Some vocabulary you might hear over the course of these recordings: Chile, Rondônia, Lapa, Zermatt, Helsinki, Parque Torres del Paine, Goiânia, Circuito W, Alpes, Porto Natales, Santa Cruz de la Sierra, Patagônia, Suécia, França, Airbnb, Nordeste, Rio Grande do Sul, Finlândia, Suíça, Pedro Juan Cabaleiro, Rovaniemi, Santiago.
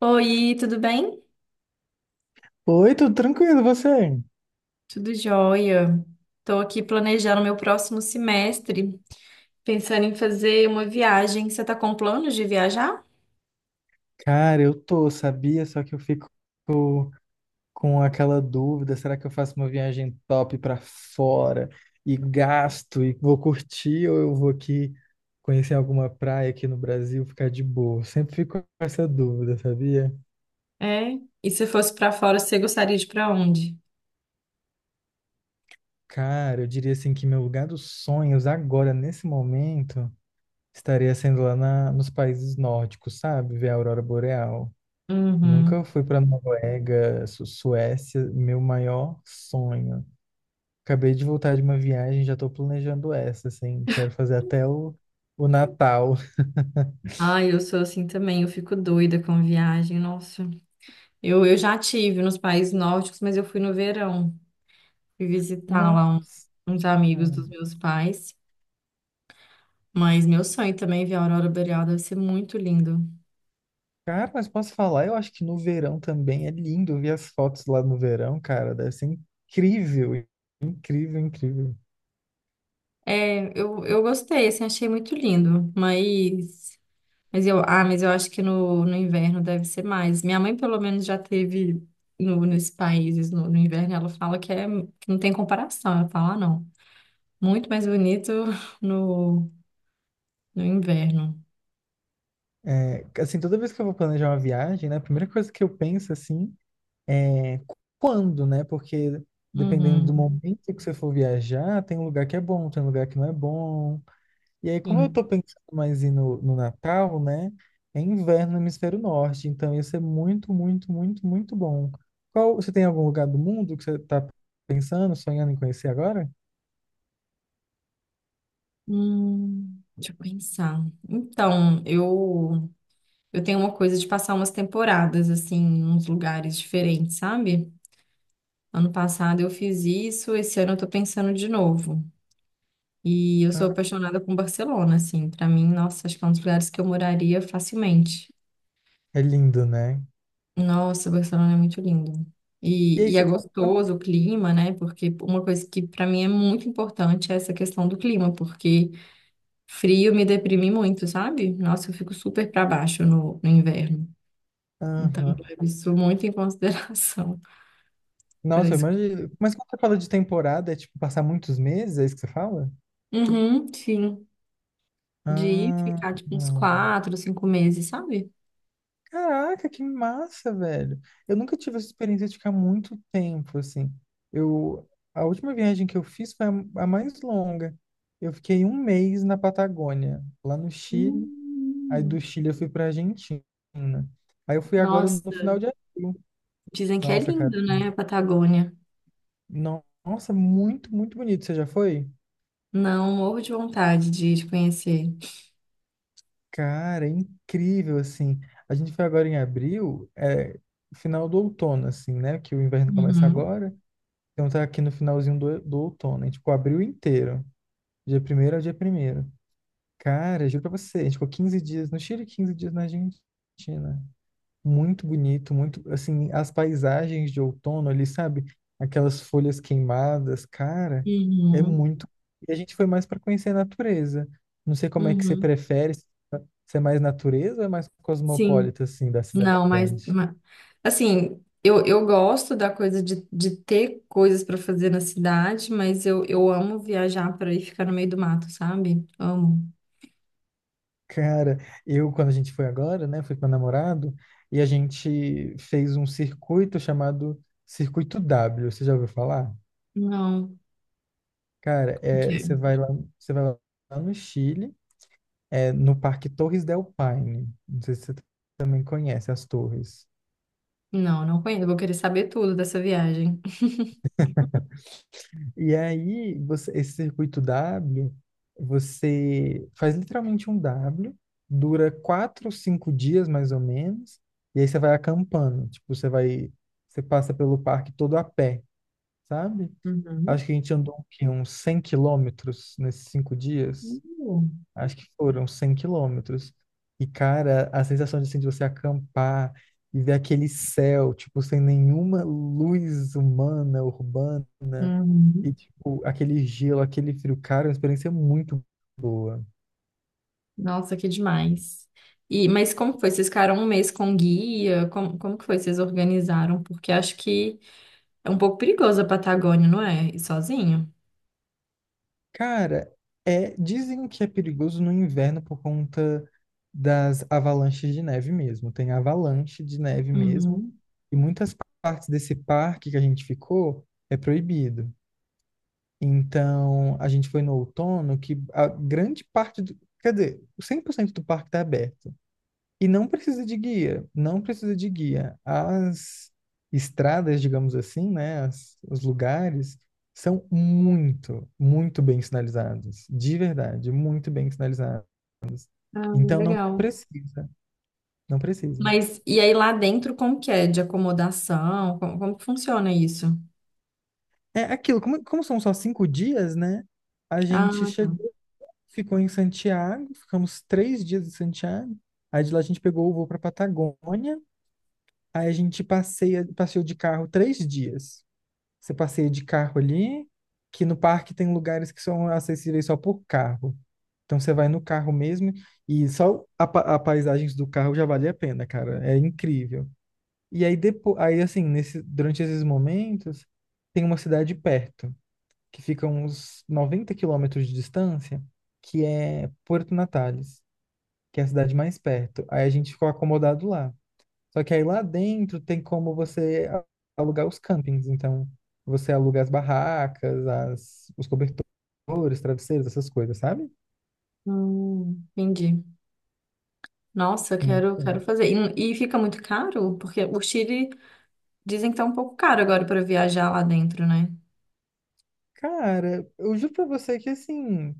Oi, tudo bem? Oi, tudo tranquilo, e você? Tudo jóia. Estou aqui planejando meu próximo semestre, pensando em fazer uma viagem. Você está com planos de viajar? Cara, eu tô, sabia? Só que eu fico com aquela dúvida, será que eu faço uma viagem top pra fora e gasto e vou curtir ou eu vou aqui conhecer alguma praia aqui no Brasil, ficar de boa? Eu sempre fico com essa dúvida, sabia? É. E se fosse para fora, você gostaria de ir para onde? Cara, eu diria assim que meu lugar dos sonhos agora, nesse momento, estaria sendo lá nos países nórdicos, sabe? Ver a aurora boreal. Nunca Uhum. fui para Noruega, Suécia, meu maior sonho. Acabei de voltar de uma viagem, já estou planejando essa, assim, quero fazer até o Natal. Ah, eu sou assim também, eu fico doida com viagem, nossa. Eu já tive nos países nórdicos, mas eu fui no verão. Fui visitar lá Nossa, uns amigos dos meus pais. Mas meu sonho também é ver a aurora boreal, deve ser muito lindo. cara, mas posso falar? Eu acho que no verão também é lindo ver as fotos lá no verão, cara, deve ser incrível, incrível, incrível. É, eu gostei, assim, achei muito lindo, mas eu acho que no inverno deve ser mais. Minha mãe, pelo menos, já teve no, nesses países no inverno, ela fala que não tem comparação, ela fala, ah, não, muito mais bonito no, no inverno. É, assim, toda vez que eu vou planejar uma viagem, né, a primeira coisa que eu penso, assim, é, quando, né? Porque dependendo Uhum, do momento que você for viajar, tem um lugar que é bom, tem um lugar que não é bom. E aí, como eu sim. tô pensando mais em no Natal, né? É inverno no hemisfério norte, então ia ser muito, muito, muito, muito bom. Qual, você tem algum lugar do mundo que você tá pensando, sonhando em conhecer agora? Deixa eu pensar. Então, eu tenho uma coisa de passar umas temporadas, assim, em uns lugares diferentes, sabe? Ano passado eu fiz isso, esse ano eu tô pensando de novo. E eu Ah, sou apaixonada com Barcelona, assim. Pra mim, nossa, acho que é um dos lugares que eu moraria facilmente. é lindo, né? Nossa, Barcelona é muito lindo. E E, aí, e é você, gostoso o clima, né? Porque uma coisa que pra mim é muito importante é essa questão do clima, porque frio me deprime muito, sabe? Nossa, eu fico super pra baixo no inverno. Então, eu aham. levo isso muito em consideração para Nossa, eu isso. imagino. Mas quando você fala de temporada, é tipo passar muitos meses, é isso que você fala? Uhum, sim. De ir Ah, ficar tipo uns hum. 4, 5 meses, sabe? Caraca, que massa, velho. Eu nunca tive essa experiência de ficar muito tempo, assim. Eu, a última viagem que eu fiz foi a mais longa. Eu fiquei um mês na Patagônia, lá no Chile. Aí Hum, do Chile eu fui pra Argentina. Aí eu fui agora no Nossa, final de abril. dizem que é Nossa, cara. lindo, né, a Patagônia. Nossa, muito, muito bonito. Você já foi? Não, morro de vontade de conhecer. Cara, é incrível, assim. A gente foi agora em abril, é, final do outono, assim, né? Que o inverno começa Uhum, agora. Então tá aqui no finalzinho do outono. A gente ficou abril inteiro. Dia primeiro º ao dia primeiro º. Cara, juro pra você, a gente ficou 15 dias no Chile e 15 dias na Argentina. Muito bonito, muito, assim, as paisagens de outono ali, sabe? Aquelas folhas queimadas, cara, é uhum, muito. E a gente foi mais pra conhecer a natureza. Não sei como é que você uhum. prefere, se é mais natureza ou é mais Sim, cosmopolita, assim, da cidade não, mas, grande? Assim, eu gosto da coisa de ter coisas para fazer na cidade, mas eu amo viajar para ir ficar no meio do mato, sabe? Amo. Cara, eu, quando a gente foi agora, né, fui com meu namorado e a gente fez um circuito chamado Circuito W. Você já ouviu falar? Não, Cara, não é, quero. Você vai lá no Chile, é, no Parque Torres del Paine. Não sei se você também conhece as torres. Não, não conheço. Eu vou querer saber tudo dessa viagem. E aí, esse circuito W, você faz literalmente um W, dura 4, 5 dias mais ou menos, e aí você vai acampando. Tipo, você passa pelo parque todo a pé, sabe? Acho Uhum. que a gente andou o quê? Uns 100 quilômetros nesses 5 dias, acho que foram 100 quilômetros. E, cara, a sensação de, assim, de você acampar e ver aquele céu, tipo, sem nenhuma luz humana, urbana, e, Uhum. tipo, aquele gelo, aquele frio, cara, é uma experiência muito boa. Nossa, que demais. E, mas como foi? Vocês ficaram um mês com guia? Como que foi? Vocês organizaram? Porque acho que é um pouco perigoso a Patagônia, não é? Ir sozinho? Cara, é, dizem que é perigoso no inverno por conta das avalanches de neve mesmo. Tem avalanche de neve mesmo, Uhum. e muitas partes desse parque que a gente ficou é proibido. Então, a gente foi no outono, que a grande parte do, quer dizer, 100% do parque está aberto. E não precisa de guia, não precisa de guia. As estradas, digamos assim, né, os lugares são muito, muito bem sinalizados, de verdade, muito bem sinalizados. Ah, Então não legal. precisa, não precisa. Mas e aí lá dentro, como que é? De acomodação? Como que funciona isso? É aquilo, como são só 5 dias, né? A gente Ah, che tá. ficou em Santiago, ficamos 3 dias em Santiago. Aí de lá a gente pegou o voo para Patagônia. Aí a gente passeou de carro 3 dias. Você passeia de carro ali, que no parque tem lugares que são acessíveis só por carro. Então você vai no carro mesmo e só a paisagens do carro já vale a pena, cara. É incrível. E aí depois, aí assim, nesse, durante esses momentos, tem uma cidade perto que fica a uns 90 quilômetros de distância, que é Porto Natales, que é a cidade mais perto. Aí a gente ficou acomodado lá. Só que aí lá dentro tem como você alugar os campings. Então, você aluga as barracas, os cobertores, travesseiros, essas coisas, sabe? Entendi. Nossa, eu Muito quero bom. fazer. E fica muito caro? Porque o Chile dizem que tá um pouco caro agora para viajar lá dentro, né? Cara, eu juro pra você que assim,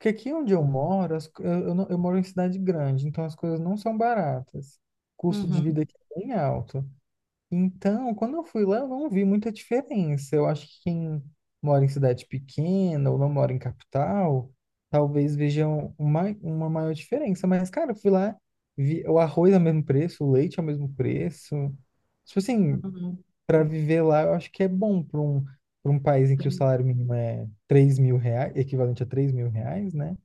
que aqui onde eu moro, as co- eu, não- eu moro em cidade grande, então as coisas não são baratas. O custo de vida Uhum, aqui é bem alto. Então, quando eu fui lá, eu não vi muita diferença. Eu acho que quem mora em cidade pequena ou não mora em capital, talvez vejam uma maior diferença. Mas, cara, eu fui lá, vi o arroz ao mesmo preço, o leite ao mesmo preço. Tipo assim, uhum, para viver lá, eu acho que é bom para um, país em que o salário mínimo é 3.000 reais, equivalente a 3.000 reais, né?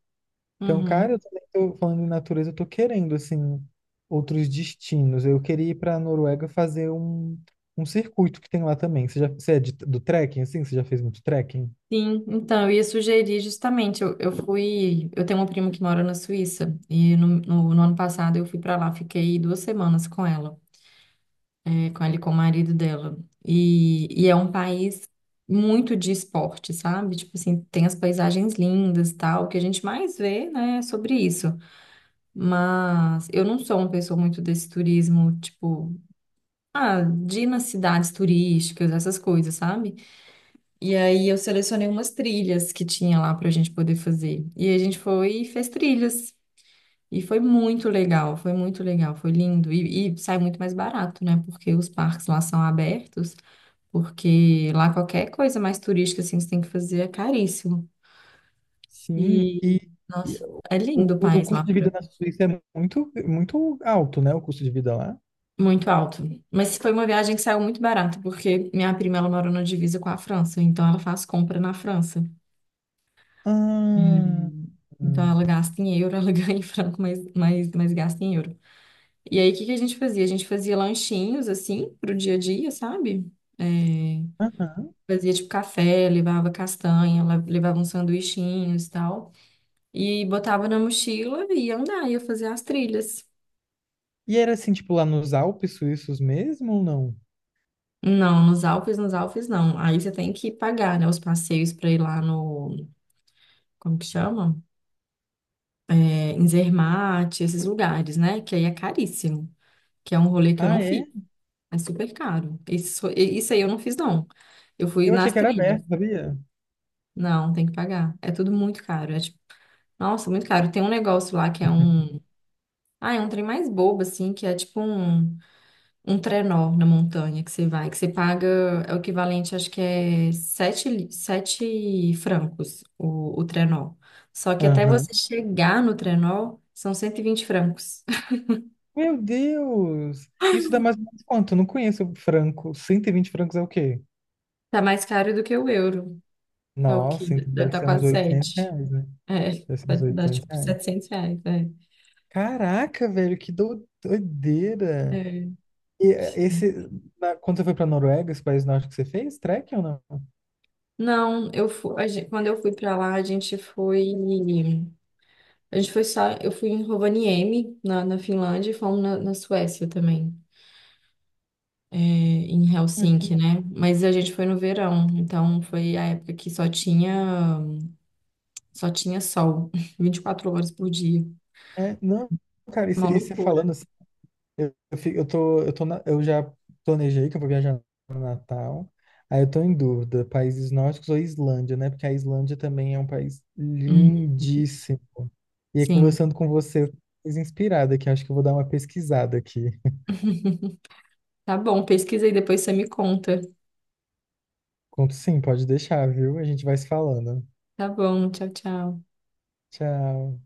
Então, cara, uhum. eu também tô falando em natureza, eu tô querendo, assim, outros destinos. Eu queria ir pra Noruega fazer um circuito que tem lá também. Você já, você é do trekking, assim? Você já fez muito trekking? Sim, então, eu ia sugerir justamente, eu tenho uma prima que mora na Suíça, e no ano passado eu fui para lá, fiquei 2 semanas com ela, com ela e com o marido dela, e é um país muito de esporte, sabe? Tipo assim, tem as paisagens lindas e tal, o que a gente mais vê, né, é sobre isso, mas eu não sou uma pessoa muito desse turismo, tipo, ah, de ir nas cidades turísticas, essas coisas, sabe? E aí eu selecionei umas trilhas que tinha lá pra gente poder fazer. E a gente foi e fez trilhas. E foi muito legal, foi muito legal, foi lindo. E sai muito mais barato, né? Porque os parques lá são abertos, porque lá qualquer coisa mais turística assim que você tem que fazer é caríssimo. Sim, E, e nossa, é lindo o o país lá, custo de vida na Suíça é muito, muito alto, né? O custo de vida lá. muito alto. Mas foi uma viagem que saiu muito barata, porque minha prima ela mora na divisa com a França, então ela faz compra na França. Ah, Hum, Então hum, ela gasta em euro, ela ganha em franco, mas gasta em euro. E aí o que que a gente fazia? A gente fazia lanchinhos assim pro dia a dia, sabe? É, aham. fazia tipo café, levava castanha, levava uns sanduichinhos e tal. E botava na mochila e ia andar, ia fazer as trilhas. E era assim, tipo, lá nos Alpes suíços mesmo ou não? Não, nos Alpes não. Aí você tem que pagar, né, os passeios pra ir lá no, como que chama? É, em Zermatt, esses lugares, né? Que aí é caríssimo, que é um rolê que eu Ah, não fiz. é? É super caro. Isso aí eu não fiz, não. Eu fui Eu achei nas que era trilhas. aberto, sabia? Não, tem que pagar. É tudo muito caro. É tipo, nossa, muito caro. Tem um negócio lá que é um. Ah, é um trem mais bobo, assim, que é tipo um trenó na montanha que você vai, que você paga. É o equivalente, acho que é sete francos o trenó. Só que até Aham. você chegar no trenó, são 120 francos. Meu Deus! Isso dá mais ou menos quanto? Eu não conheço franco. Cento e vinte francos é o quê? Tá mais caro do que o euro. Tá o quê? Nossa, então Deve deve estar ser uns quase 800 sete. reais, né? É, Deve ser uns vai dar 800 tipo reais. 700 reais, Caraca, velho, que é. doideira! É. E quando você foi pra Noruega, esse país norte que você fez, trekking ou não? Não, eu fui, a gente, quando eu fui pra lá, a gente foi só, eu fui em Rovaniemi, na Finlândia, e fomos na Suécia também, em Ah, Helsinki, que-. né? Mas a gente foi no verão, então foi a época que só tinha sol, 24 horas por dia, É, não, cara, uma e você loucura. falando. Eu, fico- eu tô na- Eu já planejei que eu vou viajar no Natal. Aí eu tô em dúvida, países nórdicos ou Islândia, né? Porque a Islândia também é um país Hum, lindíssimo. E aí, sim. conversando com você, eu fiquei mais inspirada aqui. Acho que eu vou dar uma pesquisada aqui. Tá bom, pesquisa aí, depois você me conta. Conto sim, pode deixar, viu? A gente vai se falando. Tá bom, tchau, tchau. Tchau.